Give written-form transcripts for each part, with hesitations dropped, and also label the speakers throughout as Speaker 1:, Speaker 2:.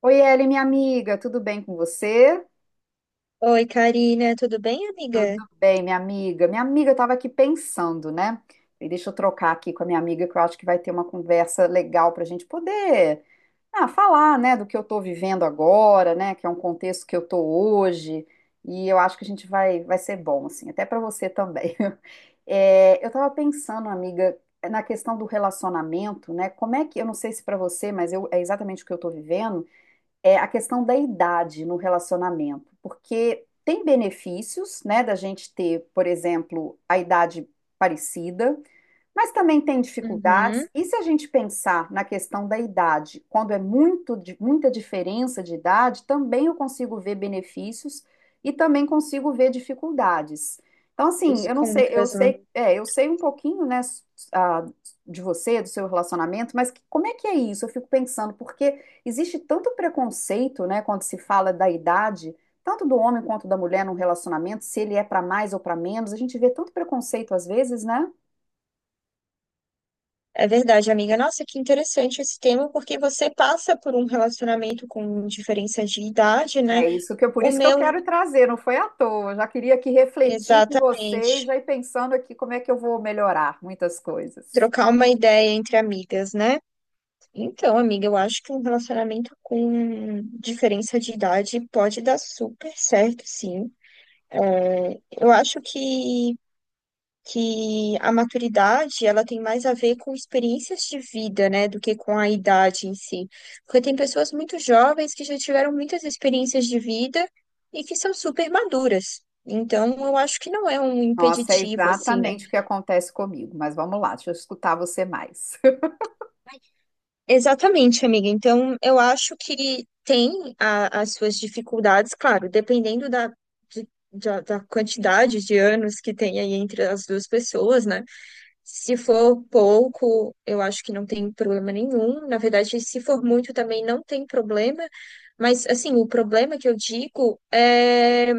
Speaker 1: Oi, Eli, minha amiga, tudo bem com você?
Speaker 2: Oi, Karina, tudo bem,
Speaker 1: Tudo
Speaker 2: amiga?
Speaker 1: bem, minha amiga. Minha amiga, eu estava aqui pensando, né? E deixa eu trocar aqui com a minha amiga, que eu acho que vai ter uma conversa legal para a gente poder falar, né, do que eu estou vivendo agora, né, que é um contexto que eu estou hoje. E eu acho que a gente vai ser bom, assim, até para você também. É, eu estava pensando, amiga, na questão do relacionamento, né? Como é que, eu não sei se para você, mas eu, é exatamente o que eu estou vivendo. É a questão da idade no relacionamento, porque tem benefícios, né, da gente ter, por exemplo, a idade parecida, mas também tem
Speaker 2: Uhum,
Speaker 1: dificuldades. E se a gente pensar na questão da idade, quando é muito, muita diferença de idade, também eu consigo ver benefícios e também consigo ver dificuldades. Então, assim,
Speaker 2: os
Speaker 1: eu não sei, eu
Speaker 2: contras, né?
Speaker 1: sei, é, eu sei um pouquinho, né, ah, de você, do seu relacionamento, mas como é que é isso? Eu fico pensando, porque existe tanto preconceito, né, quando se fala da idade, tanto do homem quanto da mulher num relacionamento, se ele é para mais ou para menos, a gente vê tanto preconceito às vezes, né?
Speaker 2: É verdade, amiga. Nossa, que interessante esse tema, porque você passa por um relacionamento com diferença de idade, né?
Speaker 1: É isso que eu, por
Speaker 2: O
Speaker 1: isso que eu
Speaker 2: meu,
Speaker 1: quero trazer, não foi à toa. Eu já queria aqui refletir com vocês,
Speaker 2: exatamente.
Speaker 1: já ir pensando aqui como é que eu vou melhorar muitas coisas.
Speaker 2: Trocar uma ideia entre amigas, né? Então, amiga, eu acho que um relacionamento com diferença de idade pode dar super certo, sim. É, eu acho que a maturidade ela tem mais a ver com experiências de vida, né, do que com a idade em si. Porque tem pessoas muito jovens que já tiveram muitas experiências de vida e que são super maduras. Então, eu acho que não é um
Speaker 1: Nossa, é
Speaker 2: impeditivo, assim, né?
Speaker 1: exatamente o que acontece comigo, mas vamos lá, deixa eu escutar você mais.
Speaker 2: Exatamente, amiga. Então, eu acho que tem as suas dificuldades, claro, dependendo da quantidade de anos que tem aí entre as duas pessoas, né? Se for pouco, eu acho que não tem problema nenhum. Na verdade, se for muito também não tem problema. Mas, assim, o problema que eu digo é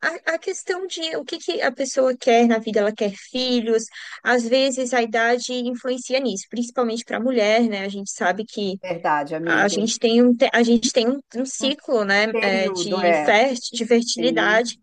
Speaker 2: a questão de o que que a pessoa quer na vida. Ela quer filhos. Às vezes, a idade influencia nisso, principalmente para a mulher, né? A gente sabe que
Speaker 1: Verdade,
Speaker 2: a
Speaker 1: amiga.
Speaker 2: gente tem um, te- a gente tem um, um
Speaker 1: Um
Speaker 2: ciclo, né, é,
Speaker 1: período
Speaker 2: de,
Speaker 1: é,
Speaker 2: fer, de
Speaker 1: sim,
Speaker 2: fertilidade.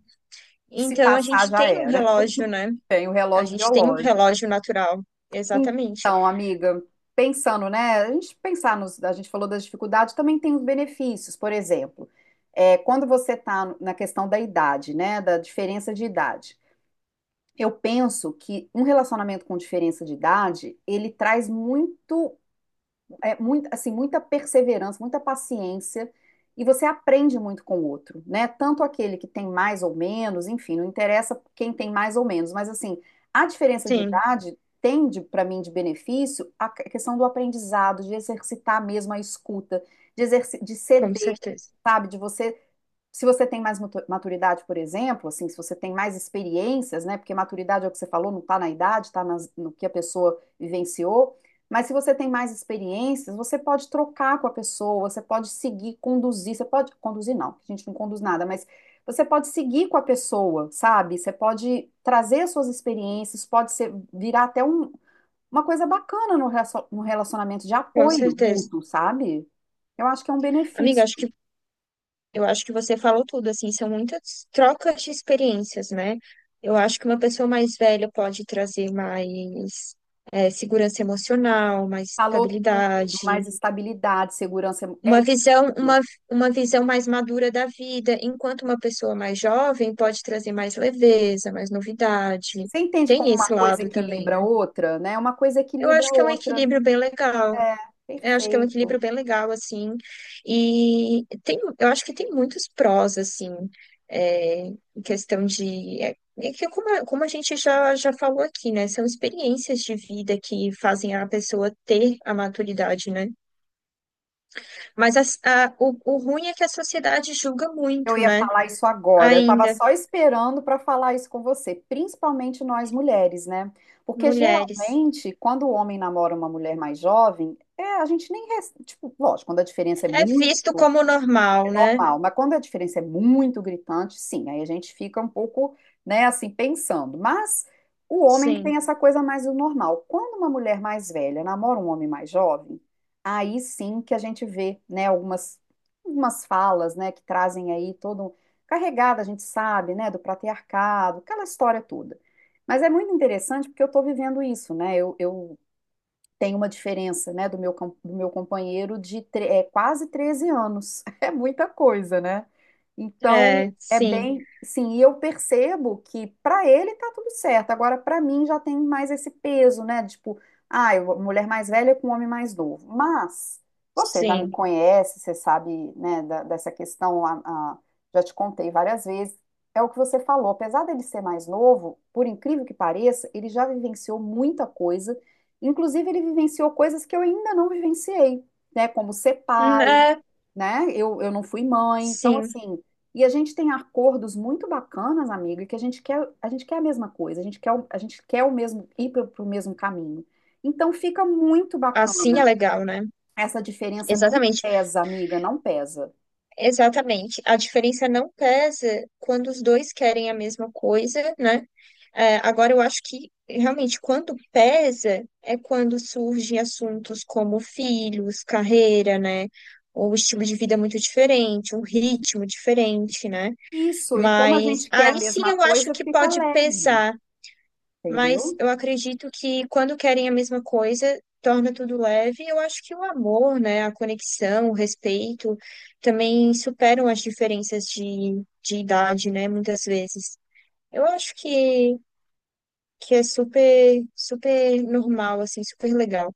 Speaker 1: que se
Speaker 2: Então, a
Speaker 1: passar
Speaker 2: gente
Speaker 1: já
Speaker 2: tem um
Speaker 1: era.
Speaker 2: relógio, né?
Speaker 1: Tem o
Speaker 2: A
Speaker 1: relógio
Speaker 2: gente tem um
Speaker 1: biológico.
Speaker 2: relógio natural. Exatamente.
Speaker 1: Então, amiga, pensando, né? A gente pensar nos, a gente falou das dificuldades, também tem os benefícios, por exemplo, é, quando você está na questão da idade, né? Da diferença de idade. Eu penso que um relacionamento com diferença de idade, ele traz muito é, muito, assim, muita perseverança, muita paciência, e você aprende muito com o outro, né? Tanto aquele que tem mais ou menos, enfim, não interessa quem tem mais ou menos, mas assim, a diferença de
Speaker 2: Sim,
Speaker 1: idade tem para mim de benefício a questão do aprendizado, de exercitar mesmo a escuta, de, de
Speaker 2: com
Speaker 1: ceder,
Speaker 2: certeza.
Speaker 1: sabe? De você, se você tem mais maturidade, por exemplo, assim, se você tem mais experiências, né? Porque maturidade é o que você falou, não está na idade, está no que a pessoa vivenciou. Mas se você tem mais experiências, você pode trocar com a pessoa, você pode seguir, conduzir, você pode conduzir não, a gente não conduz nada, mas você pode seguir com a pessoa, sabe? Você pode trazer suas experiências, pode ser virar até uma coisa bacana no no relacionamento de
Speaker 2: Com
Speaker 1: apoio
Speaker 2: certeza.
Speaker 1: mútuo, sabe? Eu acho que é um
Speaker 2: Amiga,
Speaker 1: benefício.
Speaker 2: acho que eu acho que você falou tudo, assim, são muitas trocas de experiências, né? Eu acho que uma pessoa mais velha pode trazer mais segurança emocional, mais
Speaker 1: Falou tudo,
Speaker 2: estabilidade,
Speaker 1: mais estabilidade, segurança. É
Speaker 2: uma visão, uma,
Speaker 1: isso.
Speaker 2: uma visão mais madura da vida, enquanto uma pessoa mais jovem pode trazer mais leveza, mais novidade.
Speaker 1: Você entende como
Speaker 2: Tem
Speaker 1: uma
Speaker 2: esse
Speaker 1: coisa
Speaker 2: lado também,
Speaker 1: equilibra
Speaker 2: né?
Speaker 1: a outra, né? Uma coisa
Speaker 2: Eu
Speaker 1: equilibra
Speaker 2: acho
Speaker 1: a
Speaker 2: que é um
Speaker 1: outra.
Speaker 2: equilíbrio bem legal.
Speaker 1: É,
Speaker 2: Eu acho que é um
Speaker 1: perfeito.
Speaker 2: equilíbrio bem legal, assim. E tem, eu acho que tem muitos prós, assim, é, em questão de. É, é que como, como a gente já falou aqui, né? São experiências de vida que fazem a pessoa ter a maturidade, né? Mas o ruim é que a sociedade julga
Speaker 1: Eu
Speaker 2: muito,
Speaker 1: ia
Speaker 2: né?
Speaker 1: falar isso agora. Eu estava
Speaker 2: Ainda,
Speaker 1: só esperando para falar isso com você, principalmente nós mulheres, né? Porque
Speaker 2: mulheres.
Speaker 1: geralmente, quando o homem namora uma mulher mais jovem, é, a gente nem. Tipo, lógico, quando a diferença é
Speaker 2: É visto
Speaker 1: muito.
Speaker 2: como normal,
Speaker 1: É
Speaker 2: né?
Speaker 1: normal, mas quando a diferença é muito gritante, sim, aí a gente fica um pouco, né, assim, pensando. Mas o homem que
Speaker 2: Sim,
Speaker 1: tem essa coisa mais do normal. Quando uma mulher mais velha namora um homem mais jovem, aí sim que a gente vê, né, algumas, algumas falas, né, que trazem aí todo um carregada, a gente sabe, né, do patriarcado, aquela história toda. Mas é muito interessante porque eu estou vivendo isso, né? Eu tem uma diferença, né, do meu, do meu companheiro de quase 13 anos. É muita coisa, né? Então,
Speaker 2: é,
Speaker 1: é
Speaker 2: sim,
Speaker 1: bem, sim, e eu percebo que para ele tá tudo certo. Agora, para mim já tem mais esse peso, né? Tipo, ah, mulher mais velha com homem mais novo. Mas você já me
Speaker 2: sim.
Speaker 1: conhece, você sabe, né, dessa questão, já te contei várias vezes. É o que você falou, apesar dele ser mais novo, por incrível que pareça, ele já vivenciou muita coisa. Inclusive, ele vivenciou coisas que eu ainda não vivenciei, né? Como ser pai,
Speaker 2: É,
Speaker 1: né? Eu não fui mãe, então
Speaker 2: sim.
Speaker 1: assim. E a gente tem acordos muito bacanas, amiga, que a gente quer, a gente quer a mesma coisa, a gente quer, a gente quer o mesmo, ir para o mesmo caminho. Então fica muito
Speaker 2: Assim é
Speaker 1: bacana.
Speaker 2: legal, né?
Speaker 1: Essa diferença não
Speaker 2: Exatamente.
Speaker 1: pesa, amiga, não pesa.
Speaker 2: Exatamente. A diferença não pesa quando os dois querem a mesma coisa, né? É, agora, eu acho que realmente quando pesa é quando surgem assuntos como filhos, carreira, né? Ou estilo de vida muito diferente, um ritmo diferente, né?
Speaker 1: Isso, e como a
Speaker 2: Mas
Speaker 1: gente quer a
Speaker 2: aí sim
Speaker 1: mesma
Speaker 2: eu acho
Speaker 1: coisa,
Speaker 2: que
Speaker 1: fica
Speaker 2: pode
Speaker 1: leve,
Speaker 2: pesar. Mas
Speaker 1: entendeu?
Speaker 2: eu acredito que quando querem a mesma coisa, torna tudo leve. Eu acho que o amor, né, a conexão, o respeito também superam as diferenças de idade, né, muitas vezes. Eu acho que é super, super normal, assim, super legal.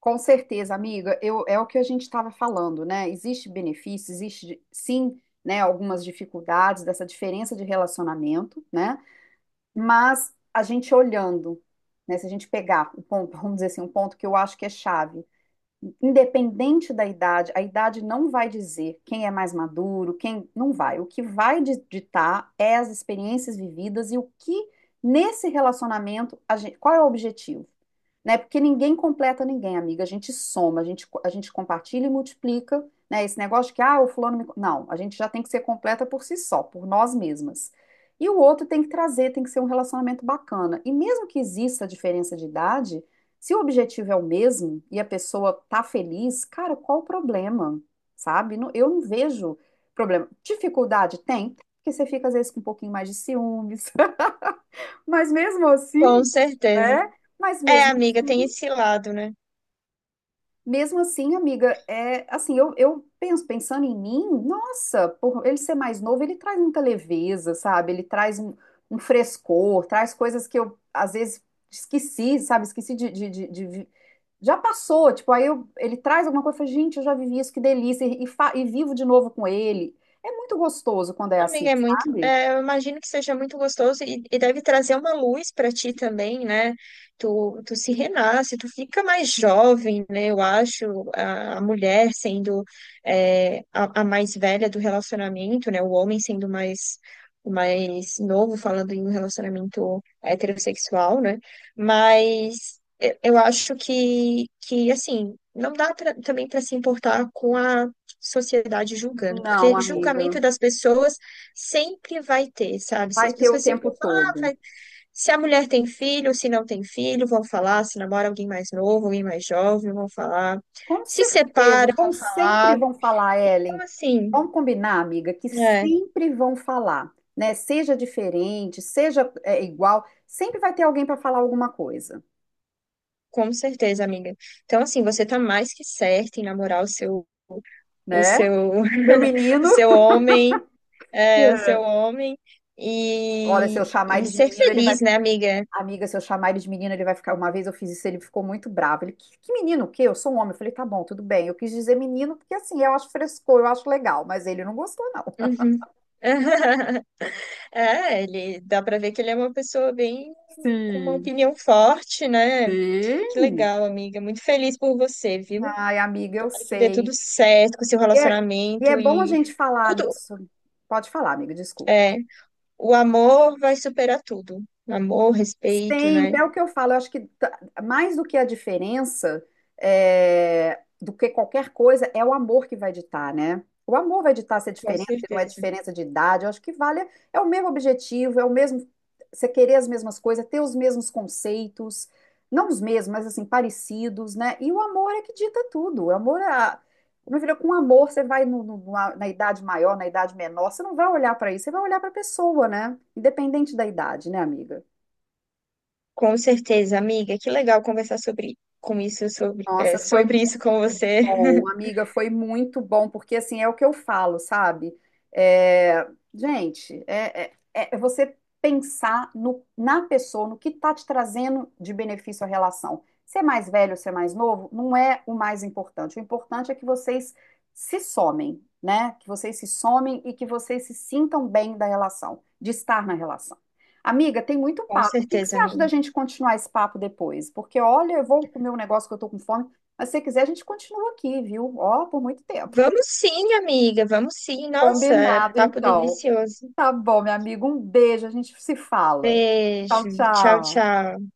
Speaker 1: Com certeza, amiga, eu, é o que a gente estava falando, né? Existe benefício, existe sim, né, algumas dificuldades dessa diferença de relacionamento, né? Mas a gente olhando, né, se a gente pegar o ponto, vamos dizer assim, um ponto que eu acho que é chave, independente da idade, a idade não vai dizer quem é mais maduro, quem não vai. O que vai ditar é as experiências vividas e o que nesse relacionamento, qual é o objetivo? Né? Porque ninguém completa ninguém, amiga. A gente soma, a gente compartilha e multiplica, né? Esse negócio de que, ah, o fulano me. Não, a gente já tem que ser completa por si só, por nós mesmas. E o outro tem que trazer, tem que ser um relacionamento bacana. E mesmo que exista a diferença de idade, se o objetivo é o mesmo e a pessoa tá feliz, cara, qual o problema? Sabe? Eu não vejo problema. Dificuldade tem, porque você fica às vezes com um pouquinho mais de ciúmes, mas mesmo
Speaker 2: Com
Speaker 1: assim,
Speaker 2: certeza.
Speaker 1: né? Mas
Speaker 2: É,
Speaker 1: mesmo,
Speaker 2: amiga, tem esse lado, né?
Speaker 1: mesmo assim, amiga, é assim, eu penso, pensando em mim, nossa, por ele ser mais novo, ele traz muita leveza, sabe? Ele traz um, um frescor, traz coisas que eu às vezes esqueci, sabe? Esqueci de Já passou, tipo, ele traz alguma coisa, eu falo, gente, eu já vivi isso, que delícia, e vivo de novo com ele. É muito gostoso quando é
Speaker 2: Amiga,
Speaker 1: assim,
Speaker 2: é muito.
Speaker 1: sabe?
Speaker 2: Eu imagino que seja muito gostoso e deve trazer uma luz para ti também, né? Tu se renasce, tu fica mais jovem, né? Eu acho, a mulher sendo a mais velha do relacionamento, né? O homem sendo mais, o mais novo, falando em um relacionamento heterossexual, né? Mas eu acho que, assim, não dá também para se importar com a sociedade julgando,
Speaker 1: Não,
Speaker 2: porque julgamento
Speaker 1: amiga,
Speaker 2: das pessoas sempre vai ter, sabe? Se
Speaker 1: vai
Speaker 2: as
Speaker 1: ter o
Speaker 2: pessoas sempre
Speaker 1: tempo
Speaker 2: vão falar, ah,
Speaker 1: todo.
Speaker 2: se a mulher tem filho, se não tem filho, vão falar, se namora alguém mais novo, alguém mais jovem, vão falar.
Speaker 1: Com
Speaker 2: Se
Speaker 1: certeza,
Speaker 2: separa, vão
Speaker 1: vão sempre
Speaker 2: falar.
Speaker 1: vão falar,
Speaker 2: Então,
Speaker 1: Ellen.
Speaker 2: assim,
Speaker 1: Vamos combinar, amiga, que
Speaker 2: é,
Speaker 1: sempre vão falar, né? Seja diferente, seja é, igual, sempre vai ter alguém para falar alguma coisa,
Speaker 2: com certeza, amiga. Então, assim, você tá mais que certa em namorar o seu, o
Speaker 1: né?
Speaker 2: seu,
Speaker 1: Meu
Speaker 2: o
Speaker 1: menino.
Speaker 2: seu homem, é, o seu
Speaker 1: É.
Speaker 2: homem
Speaker 1: Olha, se
Speaker 2: e,
Speaker 1: eu chamar
Speaker 2: e
Speaker 1: ele de
Speaker 2: ser
Speaker 1: menino, ele
Speaker 2: feliz,
Speaker 1: vai.
Speaker 2: né, amiga?
Speaker 1: Amiga, se eu chamar ele de menino, ele vai ficar. Uma vez eu fiz isso, ele ficou muito bravo. Ele, que menino, o quê? Eu sou um homem. Eu falei, tá bom, tudo bem. Eu quis dizer menino porque assim, eu acho frescor, eu acho legal, mas ele não gostou, não.
Speaker 2: Uhum. É, ele dá pra ver que ele é uma pessoa bem com uma
Speaker 1: Sim,
Speaker 2: opinião forte, né? Que
Speaker 1: sim.
Speaker 2: legal, amiga. Muito feliz por você, viu?
Speaker 1: Ai, amiga, eu
Speaker 2: Tomara que dê tudo
Speaker 1: sei.
Speaker 2: certo com o seu
Speaker 1: E é, e é
Speaker 2: relacionamento
Speaker 1: bom a
Speaker 2: e
Speaker 1: gente falar
Speaker 2: tudo.
Speaker 1: sobre. Pode falar, amiga, desculpa.
Speaker 2: É, o amor vai superar tudo. Amor, respeito, né?
Speaker 1: Sempre, é o que eu falo, eu acho que mais do que a diferença, é, do que qualquer coisa, é o amor que vai ditar, né? O amor vai ditar se é
Speaker 2: Com
Speaker 1: diferença, se não é
Speaker 2: certeza.
Speaker 1: diferença de idade, eu acho que vale, é o mesmo objetivo, é o mesmo, você querer as mesmas coisas, ter os mesmos conceitos, não os mesmos, mas assim, parecidos, né? E o amor é que dita tudo, o amor é, meu filho, com amor você vai na idade maior, na idade menor, você não vai olhar para isso, você vai olhar para a pessoa, né? Independente da idade, né, amiga?
Speaker 2: Com certeza, amiga. Que legal conversar sobre com isso, sobre, é,
Speaker 1: Nossa, foi
Speaker 2: sobre isso com
Speaker 1: muito
Speaker 2: você.
Speaker 1: bom, amiga, foi muito bom, porque assim é o que eu falo, sabe? É, gente, é você pensar na pessoa, no que está te trazendo de benefício à relação. Ser mais velho, ser mais novo, não é o mais importante. O importante é que vocês se somem, né? Que vocês se somem e que vocês se sintam bem da relação, de estar na relação. Amiga, tem muito
Speaker 2: Com
Speaker 1: papo. O que que
Speaker 2: certeza,
Speaker 1: você acha
Speaker 2: amiga.
Speaker 1: da gente continuar esse papo depois? Porque, olha, eu vou comer um negócio que eu tô com fome, mas se você quiser, a gente continua aqui, viu? Ó, por muito tempo.
Speaker 2: Vamos sim, amiga. Vamos sim. Nossa, é
Speaker 1: Combinado,
Speaker 2: papo
Speaker 1: então.
Speaker 2: delicioso.
Speaker 1: Tá bom, meu amigo. Um beijo, a gente se fala. Tchau,
Speaker 2: Beijo. Tchau,
Speaker 1: tchau.
Speaker 2: tchau.